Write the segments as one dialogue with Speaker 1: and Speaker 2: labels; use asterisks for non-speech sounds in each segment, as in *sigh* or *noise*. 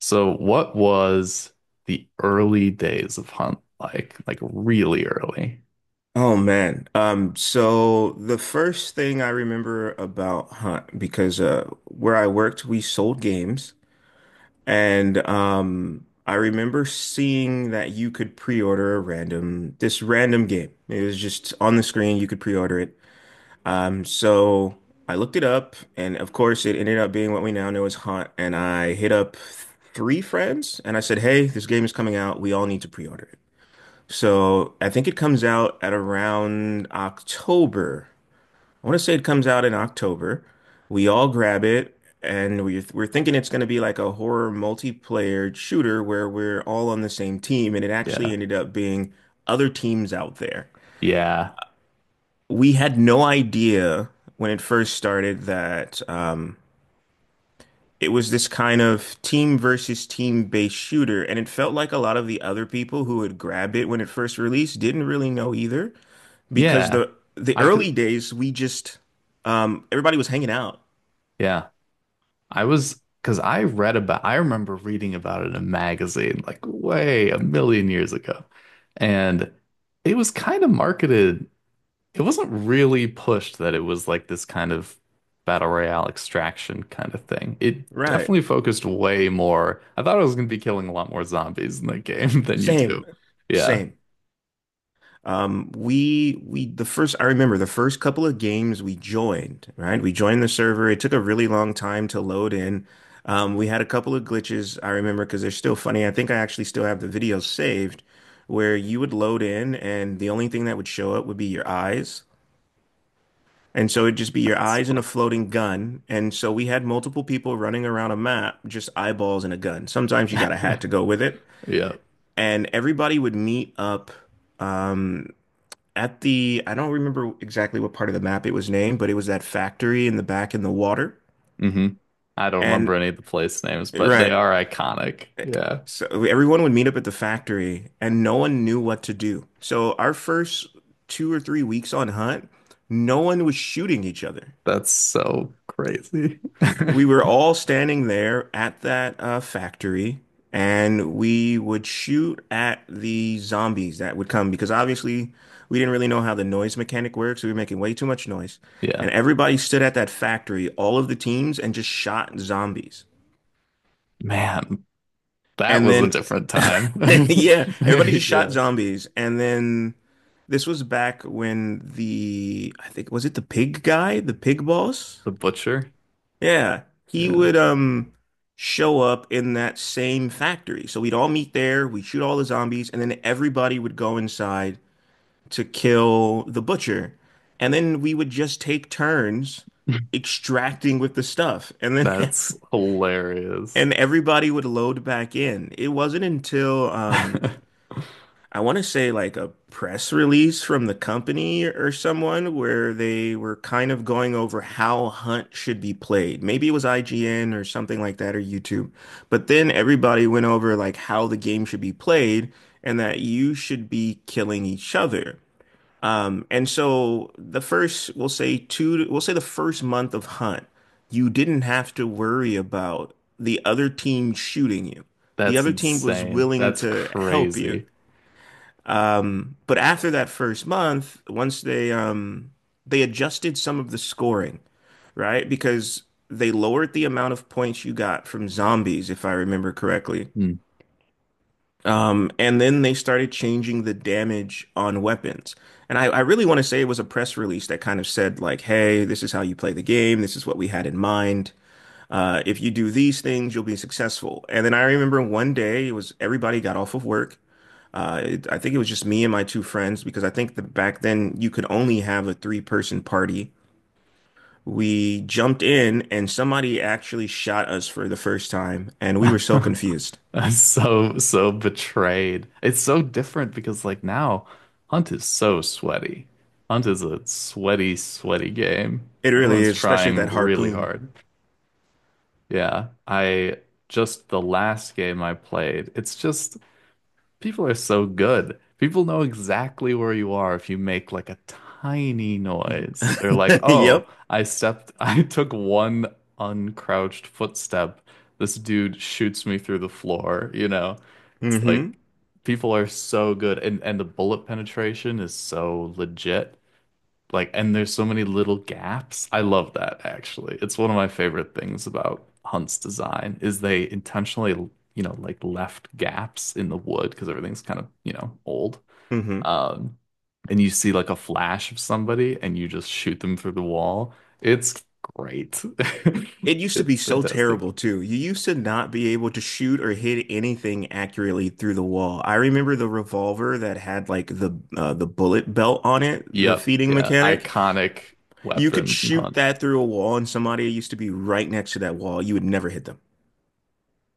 Speaker 1: So what was the early days of Hunt like? Like really early.
Speaker 2: Oh man. So the first thing I remember about Hunt, because where I worked, we sold games and I remember seeing that you could pre-order a random game. It was just on the screen, you could pre-order it. So I looked it up, and of course it ended up being what we now know as Hunt, and I hit up three friends and I said, "Hey, this game is coming out, we all need to pre-order it." So I think it comes out at around October. I want to say it comes out in October. We all grab it, and we're thinking it's going to be like a horror multiplayer shooter where we're all on the same team, and it actually
Speaker 1: Yeah.
Speaker 2: ended up being other teams out there.
Speaker 1: Yeah.
Speaker 2: We had no idea when it first started that it was this kind of team versus team based shooter, and it felt like a lot of the other people who had grabbed it when it first released didn't really know either. Because
Speaker 1: Yeah.
Speaker 2: the
Speaker 1: I
Speaker 2: early
Speaker 1: could
Speaker 2: days we just everybody was hanging out.
Speaker 1: yeah. I was because I remember reading about it in a magazine like way a million years ago. And it was kind of marketed it wasn't really pushed that it was like this kind of battle royale extraction kind of thing. It
Speaker 2: Right.
Speaker 1: definitely focused way more. I thought I was going to be killing a lot more zombies in the game *laughs* than you
Speaker 2: Same.
Speaker 1: do. Yeah.
Speaker 2: Same. We the first, I remember the first couple of games we joined, right? We joined the server. It took a really long time to load in. We had a couple of glitches I remember because they're still funny. I think I actually still have the videos saved where you would load in and the only thing that would show up would be your eyes. And so it'd just be your
Speaker 1: It's
Speaker 2: eyes and a
Speaker 1: fun.
Speaker 2: floating gun. And so we had multiple people running around a map, just eyeballs and a gun. Sometimes you got a hat to
Speaker 1: *laughs*
Speaker 2: go with it.
Speaker 1: Yeah.
Speaker 2: And everybody would meet up um, at the, I don't remember exactly what part of the map it was named, but it was that factory in the back in the water.
Speaker 1: hmm I don't remember
Speaker 2: And
Speaker 1: any of the place names, but they
Speaker 2: right.
Speaker 1: are iconic. Yeah.
Speaker 2: So everyone would meet up at the factory and no one knew what to do. So our first 2 or 3 weeks on Hunt, no one was shooting each other.
Speaker 1: That's so crazy. *laughs*
Speaker 2: We were all standing there at that factory, and we would shoot at the zombies that would come because obviously we didn't really know how the noise mechanic works. We were making way too much noise. And
Speaker 1: Yeah.
Speaker 2: everybody stood at that factory, all of the teams, and just shot zombies.
Speaker 1: Man, that
Speaker 2: And
Speaker 1: was a
Speaker 2: then,
Speaker 1: different time.
Speaker 2: *laughs* yeah,
Speaker 1: *laughs*
Speaker 2: everybody just shot
Speaker 1: Yeah.
Speaker 2: zombies. And then this was back when the, I think, was it the pig guy, the pig boss?
Speaker 1: The butcher.
Speaker 2: Yeah, he
Speaker 1: Yeah.
Speaker 2: would show up in that same factory. So we'd all meet there, we'd shoot all the zombies, and then everybody would go inside to kill the butcher. And then we would just take turns
Speaker 1: *laughs*
Speaker 2: extracting with the stuff. And then *laughs*
Speaker 1: That's hilarious.
Speaker 2: everybody would load back in. It wasn't until
Speaker 1: *laughs*
Speaker 2: I want to say like a press release from the company or someone where they were kind of going over how Hunt should be played. Maybe it was IGN or something like that, or YouTube. But then everybody went over like how the game should be played and that you should be killing each other. And so the first, we'll say the first month of Hunt, you didn't have to worry about the other team shooting you. The
Speaker 1: That's
Speaker 2: other team was
Speaker 1: insane.
Speaker 2: willing
Speaker 1: That's
Speaker 2: to help you.
Speaker 1: crazy.
Speaker 2: But after that first month, once they adjusted some of the scoring, right? Because they lowered the amount of points you got from zombies, if I remember correctly.
Speaker 1: Hmm.
Speaker 2: And then they started changing the damage on weapons. And I really want to say it was a press release that kind of said, like, hey, this is how you play the game. This is what we had in mind. If you do these things, you'll be successful. And then I remember one day it was everybody got off of work, I think it was just me and my two friends because I think that back then you could only have a three-person party. We jumped in and somebody actually shot us for the first time, and we were so confused.
Speaker 1: *laughs* I'm so betrayed. It's so different because, now Hunt is so sweaty. Hunt is a sweaty, sweaty game.
Speaker 2: It really
Speaker 1: Everyone's
Speaker 2: is, especially
Speaker 1: trying
Speaker 2: that
Speaker 1: really
Speaker 2: harpoon.
Speaker 1: hard. Yeah. The last game I played, people are so good. People know exactly where you are if you make like a tiny noise. They're like,
Speaker 2: *laughs*
Speaker 1: "Oh,
Speaker 2: Yep.
Speaker 1: *laughs* I took one uncrouched footstep. This dude shoots me through the floor." It's like
Speaker 2: hmm
Speaker 1: people are so good, and the bullet penetration is so legit. Like, and there's so many little gaps. I love that actually. It's one of my favorite things about Hunt's design is they intentionally, like left gaps in the wood because everything's kind of old.
Speaker 2: hmm
Speaker 1: Um, and you see like a flash of somebody and you just shoot them through the wall. It's great. *laughs*
Speaker 2: It used to be
Speaker 1: It's
Speaker 2: so
Speaker 1: fantastic.
Speaker 2: terrible too. You used to not be able to shoot or hit anything accurately through the wall. I remember the revolver that had like the bullet belt on it, the
Speaker 1: Yep,
Speaker 2: feeding
Speaker 1: yeah,
Speaker 2: mechanic.
Speaker 1: iconic
Speaker 2: You could
Speaker 1: weapon in
Speaker 2: shoot
Speaker 1: Hunt.
Speaker 2: that through a wall, and somebody used to be right next to that wall. You would never hit them.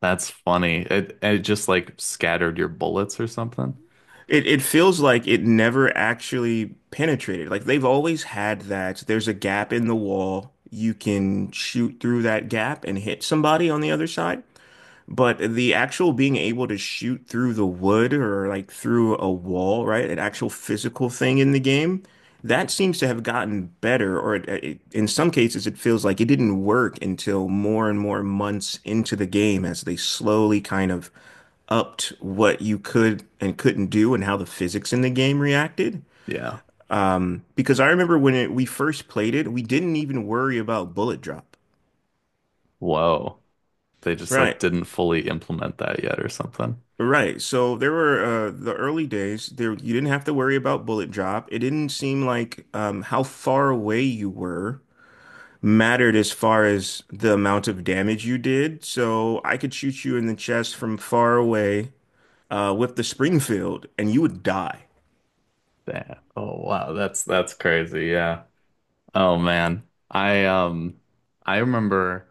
Speaker 1: That's funny. It just like scattered your bullets or something.
Speaker 2: It feels like it never actually penetrated. Like they've always had that. There's a gap in the wall. You can shoot through that gap and hit somebody on the other side. But the actual being able to shoot through the wood or like through a wall, right? An actual physical thing in the game, that seems to have gotten better, or in some cases, it feels like it didn't work until more and more months into the game as they slowly kind of upped what you could and couldn't do and how the physics in the game reacted.
Speaker 1: Yeah.
Speaker 2: Because I remember when we first played it, we didn't even worry about bullet drop.
Speaker 1: Whoa. They just like
Speaker 2: Right.
Speaker 1: didn't fully implement that yet or something.
Speaker 2: Right. So there were the early days there you didn't have to worry about bullet drop. It didn't seem like how far away you were mattered as far as the amount of damage you did. So I could shoot you in the chest from far away with the Springfield and you would die.
Speaker 1: Damn. Oh wow, that's crazy. Yeah. Oh man. I I remember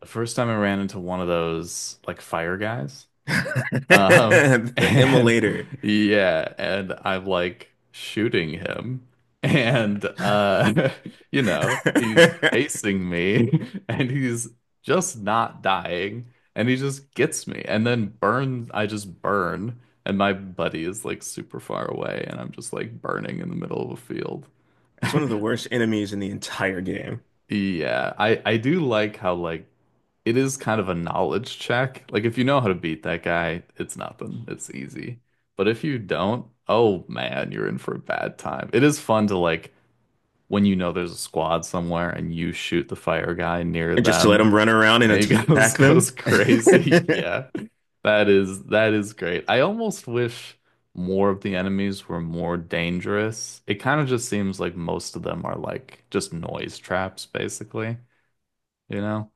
Speaker 1: the first time I ran into one of those like fire guys.
Speaker 2: *laughs*
Speaker 1: Um,
Speaker 2: The
Speaker 1: and
Speaker 2: immolator.
Speaker 1: *laughs* yeah, and I'm like shooting him. And *laughs* you know,
Speaker 2: *laughs*
Speaker 1: he's
Speaker 2: That's
Speaker 1: chasing me *laughs* and he's just not dying. And he just gets me and then burns I just burn. And my buddy is like super far away and I'm just like burning in the middle of a field.
Speaker 2: one of the worst enemies in the entire game.
Speaker 1: Yeah, I do like how like it is kind of a knowledge check. Like if you know how to beat that guy, it's nothing. It's easy. But if you don't, oh man, you're in for a bad time. It is fun to like when you know there's a squad somewhere and you shoot the fire guy near
Speaker 2: And just to let
Speaker 1: them.
Speaker 2: them run around and
Speaker 1: And he *laughs*
Speaker 2: attack
Speaker 1: goes
Speaker 2: them.
Speaker 1: crazy. *laughs*
Speaker 2: *laughs*
Speaker 1: Yeah. That is great. I almost wish more of the enemies were more dangerous. It kind of just seems like most of them are like just noise traps, basically, you know?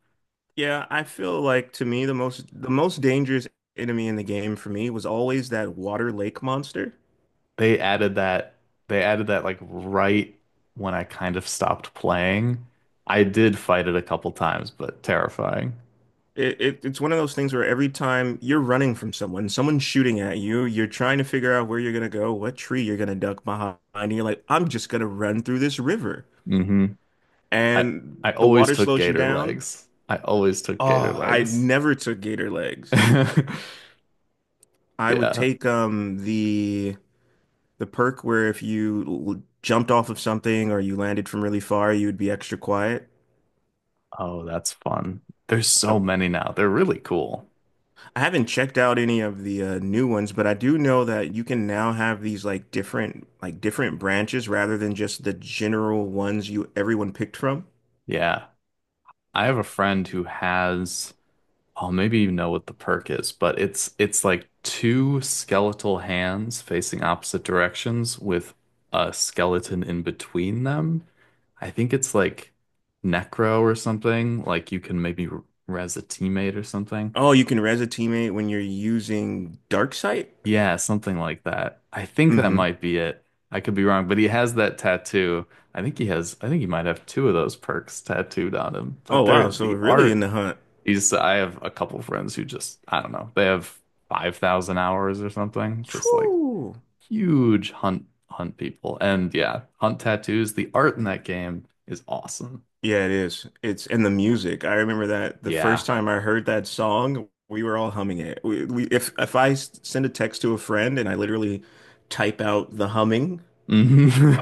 Speaker 2: Yeah, I feel like to me the most dangerous enemy in the game for me was always that water lake monster.
Speaker 1: They added that they added that like right when I kind of stopped playing. I did fight it a couple times, but terrifying.
Speaker 2: It's one of those things where every time you're running from someone, someone's shooting at you, you're trying to figure out where you're gonna go, what tree you're gonna duck behind, and you're like, I'm just gonna run through this river.
Speaker 1: hmm I
Speaker 2: And
Speaker 1: I
Speaker 2: the
Speaker 1: always
Speaker 2: water
Speaker 1: took
Speaker 2: slows you
Speaker 1: gator
Speaker 2: down.
Speaker 1: legs. I always took gator
Speaker 2: Oh, I
Speaker 1: legs. *laughs*
Speaker 2: never took gator legs. I would
Speaker 1: Yeah.
Speaker 2: take the perk where if you jumped off of something or you landed from really far, you would be extra quiet.
Speaker 1: Oh, that's fun. There's so many now. They're really cool.
Speaker 2: I haven't checked out any of the new ones, but I do know that you can now have these different branches rather than just the general ones you everyone picked from.
Speaker 1: Yeah. I have a friend who has. Oh, maybe you know what the perk is, but it's like two skeletal hands facing opposite directions with a skeleton in between them. I think it's like Necro or something. Like you can maybe res a teammate or something.
Speaker 2: Oh, you can res a teammate when you're using Darksight?
Speaker 1: Yeah, something like that. I think that
Speaker 2: Mm-hmm.
Speaker 1: might be it. I could be wrong, but he has that tattoo. I think he might have two of those perks tattooed on him.
Speaker 2: Oh
Speaker 1: But they're
Speaker 2: wow, so we're
Speaker 1: the
Speaker 2: really in
Speaker 1: art.
Speaker 2: the hunt.
Speaker 1: I have a couple friends who just, I don't know, they have 5,000 hours or something, just like
Speaker 2: Whew.
Speaker 1: huge hunt people. And yeah, hunt tattoos. The art in that game is awesome.
Speaker 2: Yeah, it is. It's and the music. I remember that the
Speaker 1: Yeah.
Speaker 2: first time I heard that song, we were all humming it. We If I send a text to a friend and I literally type out the humming,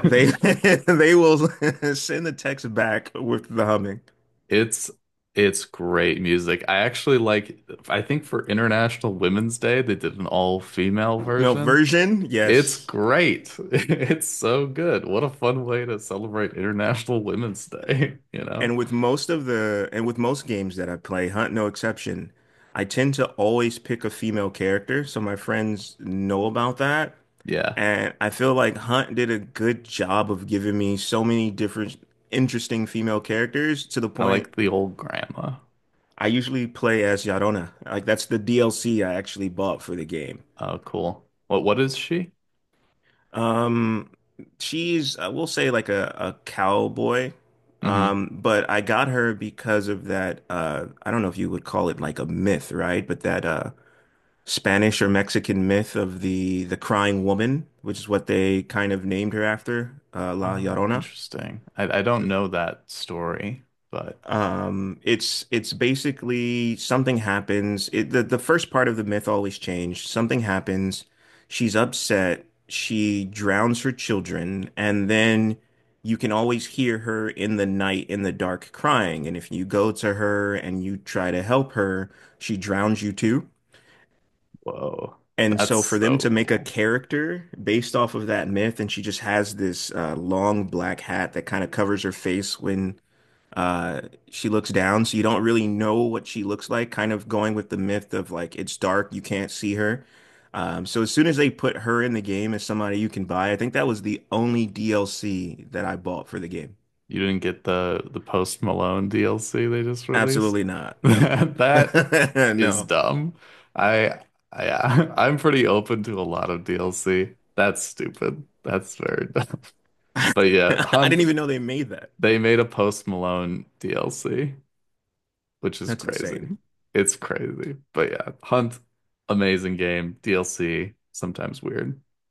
Speaker 2: they
Speaker 1: *laughs*
Speaker 2: *laughs* they will *laughs* send the text back with the humming.
Speaker 1: It's it's great music. I actually I think for International Women's Day they did an all-female
Speaker 2: No
Speaker 1: version.
Speaker 2: version,
Speaker 1: It's
Speaker 2: yes.
Speaker 1: great. *laughs* It's so good. What a fun way to celebrate International Women's Day, *laughs* you know?
Speaker 2: And with most games that I play, Hunt no exception, I tend to always pick a female character, so my friends know about that.
Speaker 1: Yeah.
Speaker 2: And I feel like Hunt did a good job of giving me so many different interesting female characters to the
Speaker 1: I
Speaker 2: point
Speaker 1: like the old grandma.
Speaker 2: I usually play as Yarona. Like that's the DLC I actually bought for the game.
Speaker 1: Oh, cool. What is she?
Speaker 2: Um, she's, I will say, like a cowboy.
Speaker 1: hmm
Speaker 2: But I got her because of that I don't know if you would call it like a myth, right? But that Spanish or Mexican myth of the crying woman, which is what they kind of named her after, uh, La
Speaker 1: Oh,
Speaker 2: Llorona.
Speaker 1: interesting. I don't know that story, but
Speaker 2: It's basically something happens. The first part of the myth always changed. Something happens. She's upset. She drowns her children, and then you can always hear her in the night in the dark crying. And if you go to her and you try to help her, she drowns you too.
Speaker 1: whoa.
Speaker 2: And
Speaker 1: That's
Speaker 2: so for them
Speaker 1: so
Speaker 2: to make a
Speaker 1: cool.
Speaker 2: character based off of that myth, and she just has this long black hat that kind of covers her face when uh, she looks down, so you don't really know what she looks like, kind of going with the myth of like it's dark, you can't see her. So as soon as they put her in the game as somebody you can buy, I think that was the only DLC that I bought for the game.
Speaker 1: You didn't get the Post Malone DLC they just released?
Speaker 2: Absolutely not.
Speaker 1: *laughs*
Speaker 2: No.
Speaker 1: That
Speaker 2: *laughs*
Speaker 1: is
Speaker 2: No.
Speaker 1: dumb. I I *laughs* I'm pretty open to a lot of DLC. That's stupid. That's very dumb. *laughs* But yeah,
Speaker 2: *laughs* I
Speaker 1: Hunt,
Speaker 2: didn't even know they made that.
Speaker 1: they made a Post Malone DLC, which is
Speaker 2: That's insane.
Speaker 1: crazy. It's crazy. But yeah, Hunt, amazing game. DLC, sometimes weird.